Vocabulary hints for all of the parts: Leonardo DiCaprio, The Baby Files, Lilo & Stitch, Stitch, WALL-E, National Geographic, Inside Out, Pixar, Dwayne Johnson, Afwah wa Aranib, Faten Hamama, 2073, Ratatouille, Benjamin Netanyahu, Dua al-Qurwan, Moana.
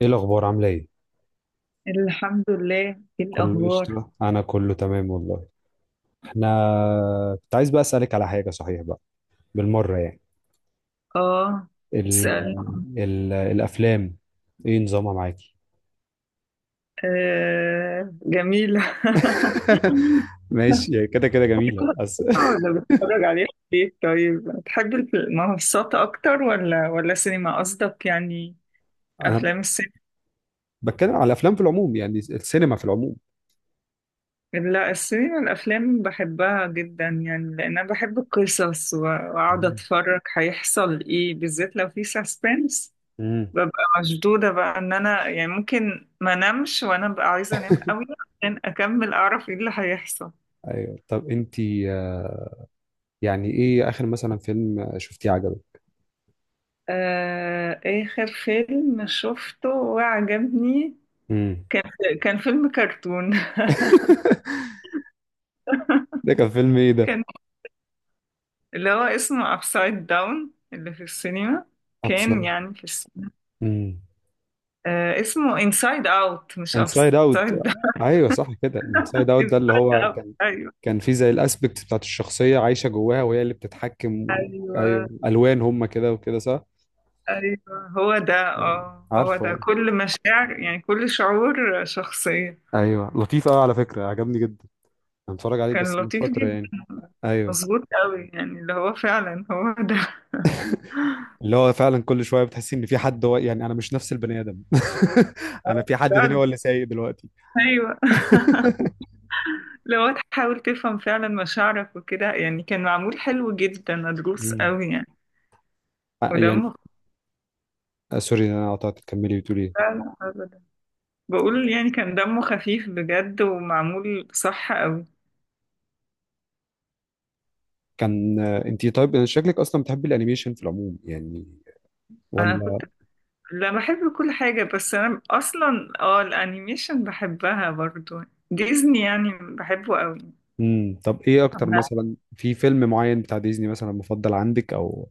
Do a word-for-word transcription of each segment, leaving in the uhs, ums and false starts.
ايه الاخبار؟ عامله ايه؟ الحمد لله. ايه كله الاخبار؟ قشطة، انا كله تمام والله. احنا كنت عايز بقى اسالك على حاجه صحيح بقى، بالمره يعني. اه، ال... سأل. ال... الافلام، ايه نظامها معاكي؟ آه، جميلة. ماشي يعني، كده كده جميلة بس. ولا بتتفرج عليها في البيت؟ طيب، بتحب المنصات اكتر ولا ولا سينما؟ قصدك يعني انا افلام السينما؟ بتكلم على الافلام في العموم، يعني السينما في العموم. لا، السينما الافلام بحبها جدا يعني لان انا بحب القصص و- واقعد اتفرج هيحصل ايه، بالذات لو في سسبنس. امم ببقى مشدودة بقى ان انا يعني ممكن ما نمش، وانا ببقى عايزة انام قوي عشان اكمل اعرف ايه اللي هيحصل. ايوه. طب انتي، آه، يعني ايه اخر مثلا فيلم شفتيه عجبك؟ آه، اخر فيلم شفته وعجبني امم كان فيلم كرتون. ده كان فيلم ايه ده؟ كان، اللي هو اسمه ابسايد داون اللي في السينما. كان يعني في السينما. ابسط. آه، اسمه انسايد اوت، مش انسايد اوت. ابسايد داون. ايوه صح كده، انسايد اوت انسايد ده اللي هو اوت. كان. ايوه. كان فيه زي الاسبكت بتاعت الشخصيه عايشه جواها، وهي اللي بتتحكم و... ايوه ايوه، الوان، هم كده وكده صح. ايوه، هو ده. اه، هو ده عارفه. كل مشاعر يعني كل شعور شخصية. ايوه لطيف قوي على فكره، عجبني جدا. انا اتفرج عليه كان بس من لطيف فتره يعني. جدا. ايوه، مظبوط قوي يعني، اللي هو فعلا هو ده. اللي هو فعلا كل شويه بتحس ان في حد، هو يعني انا مش نفس البني ادم. انا في حد تاني هو فعلا. اللي سايق دلوقتي. ايوه، لو تحاول تفهم فعلا مشاعرك وكده يعني كان معمول حلو جدا، مدروس مم. قوي يعني. آه، يعني، ودمه خ- آه، سوري إن انا قطعت، تكملي بتقولي إيه. فعلا، ابدا. بقول يعني كان دمه خفيف بجد ومعمول صح قوي. كان، آه، انتي طيب شكلك اصلا بتحبي الانيميشن في العموم يعني، انا ولا؟ كنت. لا، بحب كل حاجة، بس انا اصلا اه الانيميشن بحبها برضو. ديزني يعني بحبه قوي. امم طب ايه اكتر مثلا في فيلم معين بتاع ديزني مثلا مفضل عندك، او...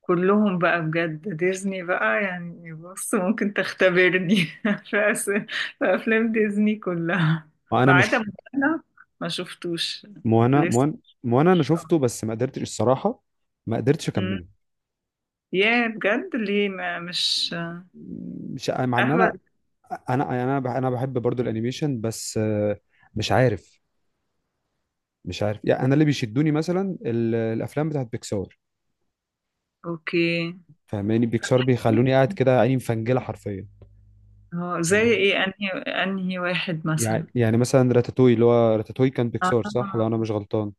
كلهم بقى بجد، ديزني بقى يعني بص ممكن تختبرني. في, أس... في أفلام ديزني كلها ما انا ما عدا مش... موانا، ما شفتوش موانا. لسه. موان موانا انا شفته بس ما قدرتش الصراحه، ما قدرتش مم. اكمله. ياه، بجد، ليه؟ ما مش مش مع ان انا أهبل. انا انا بح- انا بحب برضو الانيميشن، بس آه، مش عارف. مش عارف يعني، انا اللي بيشدوني مثلا ال- الافلام بتاعت بيكسار. أوكي. فاهماني؟ بيكسار بيخلوني قاعد كده عيني مفنجله حرفيا. هو زي مم. إيه؟ أنهي أنهي واحد مثلا؟ يعني يعني مثلا راتاتوي، اللي هو راتاتوي كان بيكسار صح آه، لو انا مش غلطان.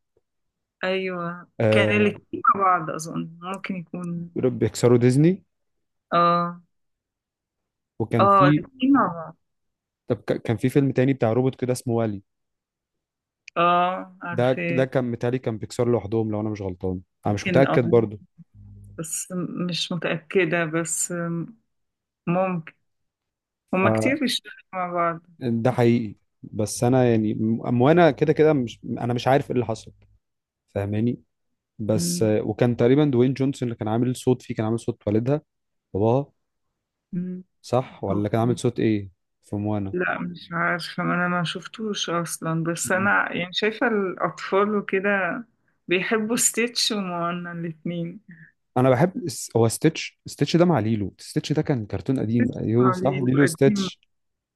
أيوه، كان آه، الاتنين مع بعض أظن، ممكن يكون. بيكسار وديزني. آه. وكان آه، في... الاتنين مع بعض. طب ك- كان في فيلم تاني بتاع روبوت كده اسمه والي. آه، ده ده عارفة. كان متهيألي كان بيكسر لوحدهم لو انا مش غلطان، انا مش ممكن. متأكد آه، برضو. بس م- مش متأكدة، بس م- ممكن. هما كتير بيشتغلوا مع بعض. فده حقيقي. بس انا يعني م- وانا كده كده مش، انا مش عارف ايه اللي حصل. فاهماني؟ بس، مم. آه، وكان تقريبا دوين جونسون اللي كان عامل صوت فيه، كان عامل صوت والدها، باباها. مم. صح ولا كان عامل أوكي. صوت ايه في موانا؟ لا، مش عارفة، ما أنا ما شفتوش أصلا، بس مم. أنا يعني شايفة الأطفال وكده بيحبوا ستيتش وموانا الاتنين. انا بحب اس- هو ستيتش ستيتش ده مع ليلو ستيتش، ده كان كرتون قديم. ستيتش ايوه صح، قليل ليلو وقديم. ستيتش.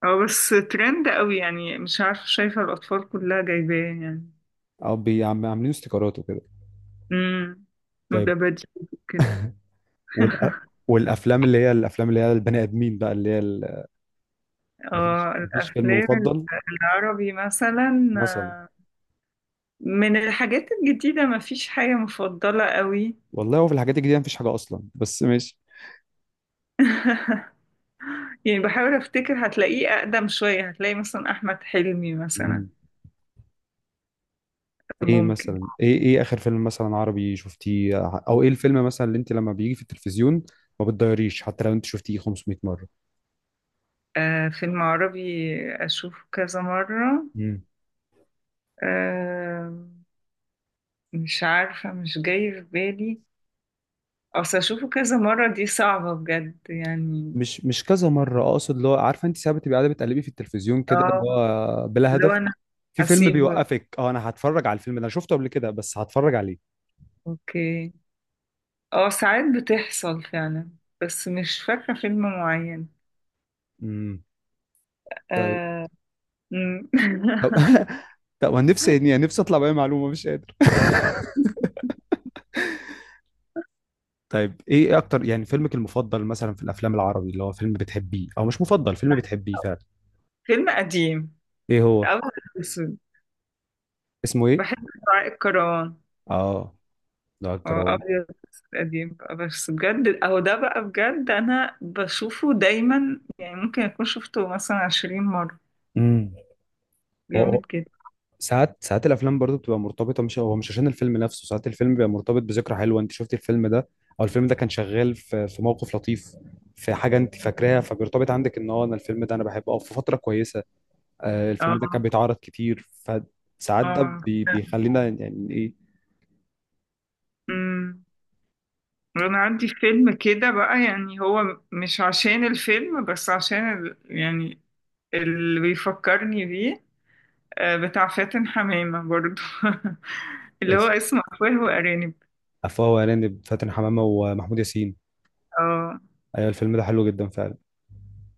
اه، بس ترند قوي يعني، مش عارفة، شايفة الأطفال كلها جايباه يعني. او بي- عم- عاملين استيكرات وكده. امم وده طيب. بدري كده. والأ... والافلام اللي هي الافلام اللي هي البني ادمين بقى، اللي هي ال... مفيش، اه، مفيش فيلم الأفلام مفضل العربي مثلا. مثلا؟ آه، من الحاجات الجديدة مفيش حاجة مفضلة قوي. والله هو في الحاجات الجديده مفيش حاجه اصلا، بس ماشي. يعني بحاول افتكر، هتلاقيه اقدم شوية، هتلاقي مثلا احمد حلمي مثلا. مم. ايه ممكن. مثلا، ايه ايه اخر فيلم مثلا عربي شفتيه؟ او ايه الفيلم مثلا اللي انت لما بيجي في التلفزيون ما بتضيريش حتى لو انت شفتيه خمسمية مره؟ آه، فيلم عربي اشوفه كذا مرة؟ مم. آه، مش عارفة، مش جاي في بالي. اصل اشوفه كذا مرة دي صعبة بجد يعني. مش مش كذا مره اقصد، اللي هو عارفه انت ساعات بتبقى قاعده بتقلبي في التلفزيون كده اللي اه، هو بلا لو هدف، انا في فيلم هسيبه. بيوقفك: اه انا هتفرج على الفيلم ده، انا شفته قبل كده بس هتفرج عليه. اوكي. اه، ساعات بتحصل فعلا، بس مش فاكرة فيلم معين. امم طيب. آه. مم. طب طب انا نفسي يعني، نفسي اطلع باي معلومه مش قادر. طيب ايه اكتر يعني فيلمك المفضل مثلا في الافلام العربي، اللي هو فيلم بتحبيه، او مش مفضل، فيلم بتحبيه فعلا؟ فيلم قديم، ايه هو؟ أبيض وأسود. اسمه ايه؟ بحب دعاء الكروان. اه ده هو الجرام. أبيض وأسود قديم بقى، بس بجد أهو ده بقى، بجد أنا بشوفه دايما يعني ممكن أكون شفته مثلا عشرين مرة. امم هو، جامد هو- جدا. ساعات، ساعات الافلام برضو بتبقى مرتبطه. مش هو مش عشان الفيلم نفسه، ساعات الفيلم بيبقى مرتبط بذكرى حلوه. انت شفتي الفيلم ده او الفيلم ده كان شغال في في موقف لطيف، في حاجه انت فاكراها، فبيرتبط عندك ان هو، انا الفيلم ده انا بحبه. او في فتره كويسه آه الفيلم ده كان اه، بيتعرض كتير، فساعات ده اه. بي- بيخلينا يعني إيه، أمم. أنا عندي فيلم كده بقى يعني هو مش عشان الفيلم، بس عشان ال... يعني اللي بيفكرني بيه. آه، بتاع فاتن حمامة برضو. اللي هو اسم اسمه أفواه وأرانب. عفوا وهلاني بفاتن حمامة ومحمود ياسين. اه، ايوه الفيلم ده حلو جدا فعلا.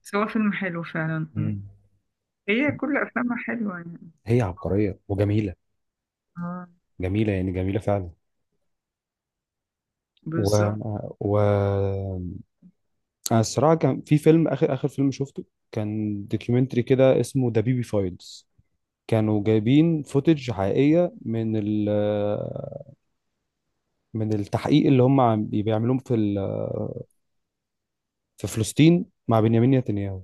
بس هو فيلم حلو فعلا. مم. مم. هي كل أفلامها حلوة يعني. هي عبقرية وجميلة، اه، جميلة يعني جميلة فعلا. و بالظبط. و أنا الصراحة، كان في فيلم، آخر آخر فيلم شفته كان دوكيومنتري كده اسمه ذا بيبي فايلز. كانوا جايبين فوتج حقيقية من ال... من التحقيق اللي هم عم- بيعملوه في ال- في فلسطين مع بنيامين نتنياهو.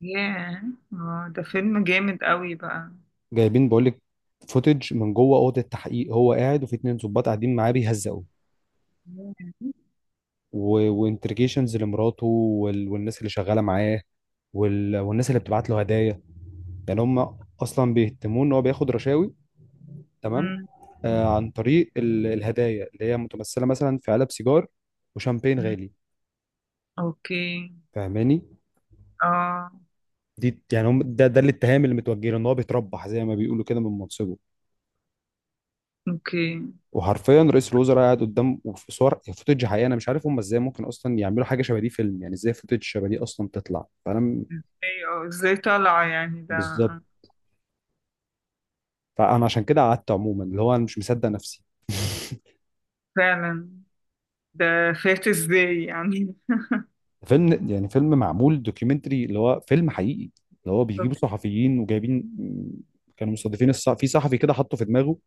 ياه، اه، ده فيلم جامد قوي بقى. جايبين، بقول لك، فوتج من جوه اوضه التحقيق. هو قاعد وفي اتنين ظباط قاعدين معاه بيهزقوا، ياه. وانترجيشنز لمراته وال... والناس اللي شغاله معاه، وال... والناس اللي بتبعت له هدايا. يعني هم أوك- اصلا بيهتمون ان هو بياخد رشاوي، تمام، مم، آه عن طريق ال... الهدايا اللي هي متمثله مثلا في علب سيجار وشامبين مم. غالي. اوكي. فاهماني؟ اه، دي يعني، هم ده ده الاتهام اللي متوجه له، ان هو بيتربح زي ما بيقولوا كده من منصبه. اوكي. وحرفيا رئيس الوزراء قاعد قدام، وفي صور فوتج حقيقي. انا مش عارف هم ازاي ممكن اصلا يعملوا حاجه شبه دي، فيلم يعني، ازاي فوتج شبه دي اصلا تطلع. فانا م- ايوه، ازاي طالعة يعني ده؟ بالظبط. فانا عشان كده قعدت، عموما، اللي هو انا مش مصدق نفسي. فعلا، ده فات ازاي يعني. فيلم يعني، فيلم معمول دوكيومنتري اللي هو فيلم حقيقي، اللي هو بيجيبوا بالظبط. صحفيين وجايبين. كانوا مستضيفين الصح... في صحفي كده حطه في دماغه،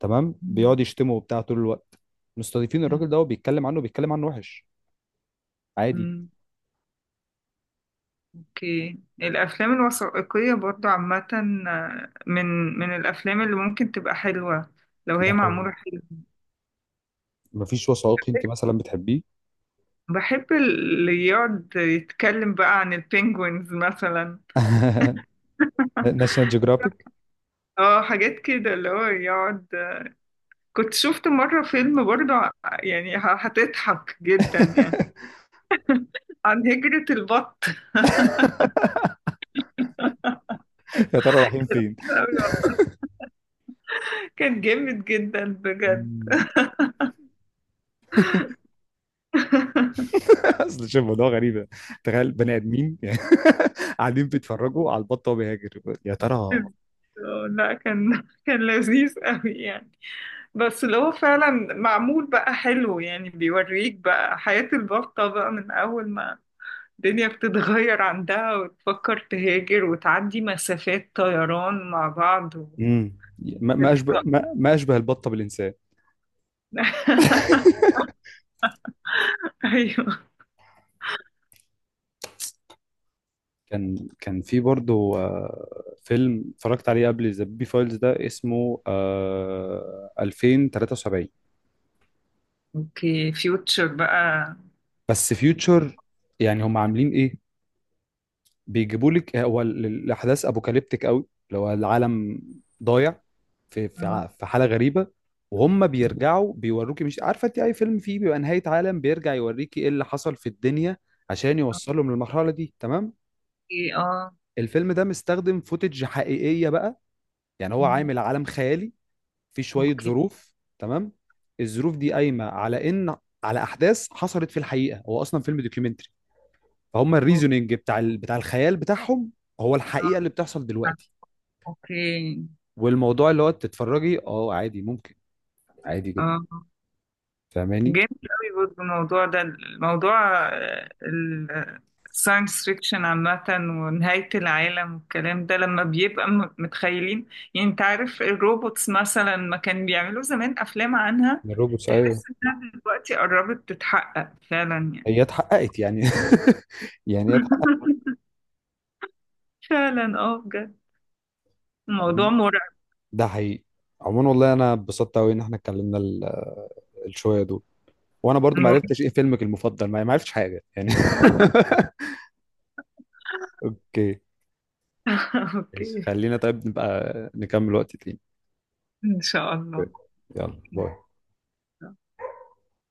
تمام، مم، بيقعد يشتمه وبتاع طول الوقت. مستضيفين مم، الراجل ده وبيتكلم عنه، بيتكلم عنه وحش، عادي. مم. اوكي، الافلام الوثائقية برضو عامة. آه، من من الافلام اللي ممكن تبقى حلوة، لو ده هي حقيقي. معمولة حلو. مفيش وثائقي انت مثلا بتحبيه؟ بحب اللي يقعد يتكلم بقى عن البينجوينز مثلا. ناشونال جيوغرافيك. اه، حاجات كده اللي هو يقعد. كنت شفت مرة فيلم برضه ع- يعني ه- هتضحك جدا يعني عن هجرة البط. يا ترى رايحين فين. كان جامد جدا بجد. مم. اصل شوف الموضوع غريب، تخيل بني ادمين يعني قاعدين بيتفرجوا على البطه وهو بيهاجر، يا ترى. آه، لا، كان كان لذيذ قوي يعني. بس اللي هو فعلا معمول بقى حلو يعني، بيوريك بقى حياة البطة بقى، من أول ما الدنيا بتتغير عندها وتفكر تهاجر وتعدي مسافات طيران مع بعض مم. ما ما اشبه وتبقى. ما, ما اشبه البطه بالانسان. ايوه. كان كان في برضه آه، فيلم اتفرجت عليه قبل ذا بي فايلز، ده اسمه آه، الفين وتلاتة وسبعين. اوكي، فيوتشر بقى. بس فيوتشر. يعني هم عاملين ايه؟ بيجيبوا لك، هو ال- الاحداث ابوكاليبتيك قوي، لو العالم ضايع، في في اه، ع- في حاله غريبه، وهم بيرجعوا بيوروكي. مش عارفه انت اي فيلم فيه بيبقى نهايه عالم، بيرجع يوريكي ايه اللي حصل في الدنيا عشان يوصلهم للمرحله دي، تمام. اوكي. اه. الفيلم ده مستخدم فوتج حقيقيه بقى، يعني هو مم. عامل عالم خيالي في شويه اوكي. ظروف، تمام. الظروف دي قايمه على ان، على احداث حصلت في الحقيقه. هو اصلا فيلم دوكيومنتري، فهم اوكي. الريزونينج بتاع ال- بتاع الخيال بتاعهم هو الحقيقه اه، اللي بتحصل دلوقتي. اوكي. والموضوع اللي هو تتفرجي، اه عادي ممكن، عادي جدا. اه، فاهماني؟ جامد قوي برضه الموضوع ده، الموضوع الساينس فيكشن عامة ونهاية العالم والكلام ده، لما بيبقى م- متخيلين. يعني انت عارف الروبوتس مثلا، ما كان بيعملوا زمان أفلام عنها. من الروبوتس، ايوه. تحس انها دلوقتي قربت تتحقق فعلا يعني. هي اتحققت يعني. يعني هي اتحققت. فعلا، اه، بجد الموضوع عم- مرعب. ده حقيقي. عموما والله انا اتبسطت قوي ان احنا اتكلمنا ال- الشويه دول، وانا برضو ما مرعب. عرفتش ايه فيلمك المفضل، ما ما عرفتش حاجه يعني. اوكي. ماشي. اوكي. خلينا طيب نبقى نكمل وقت تاني. ان شاء الله. يلا باي.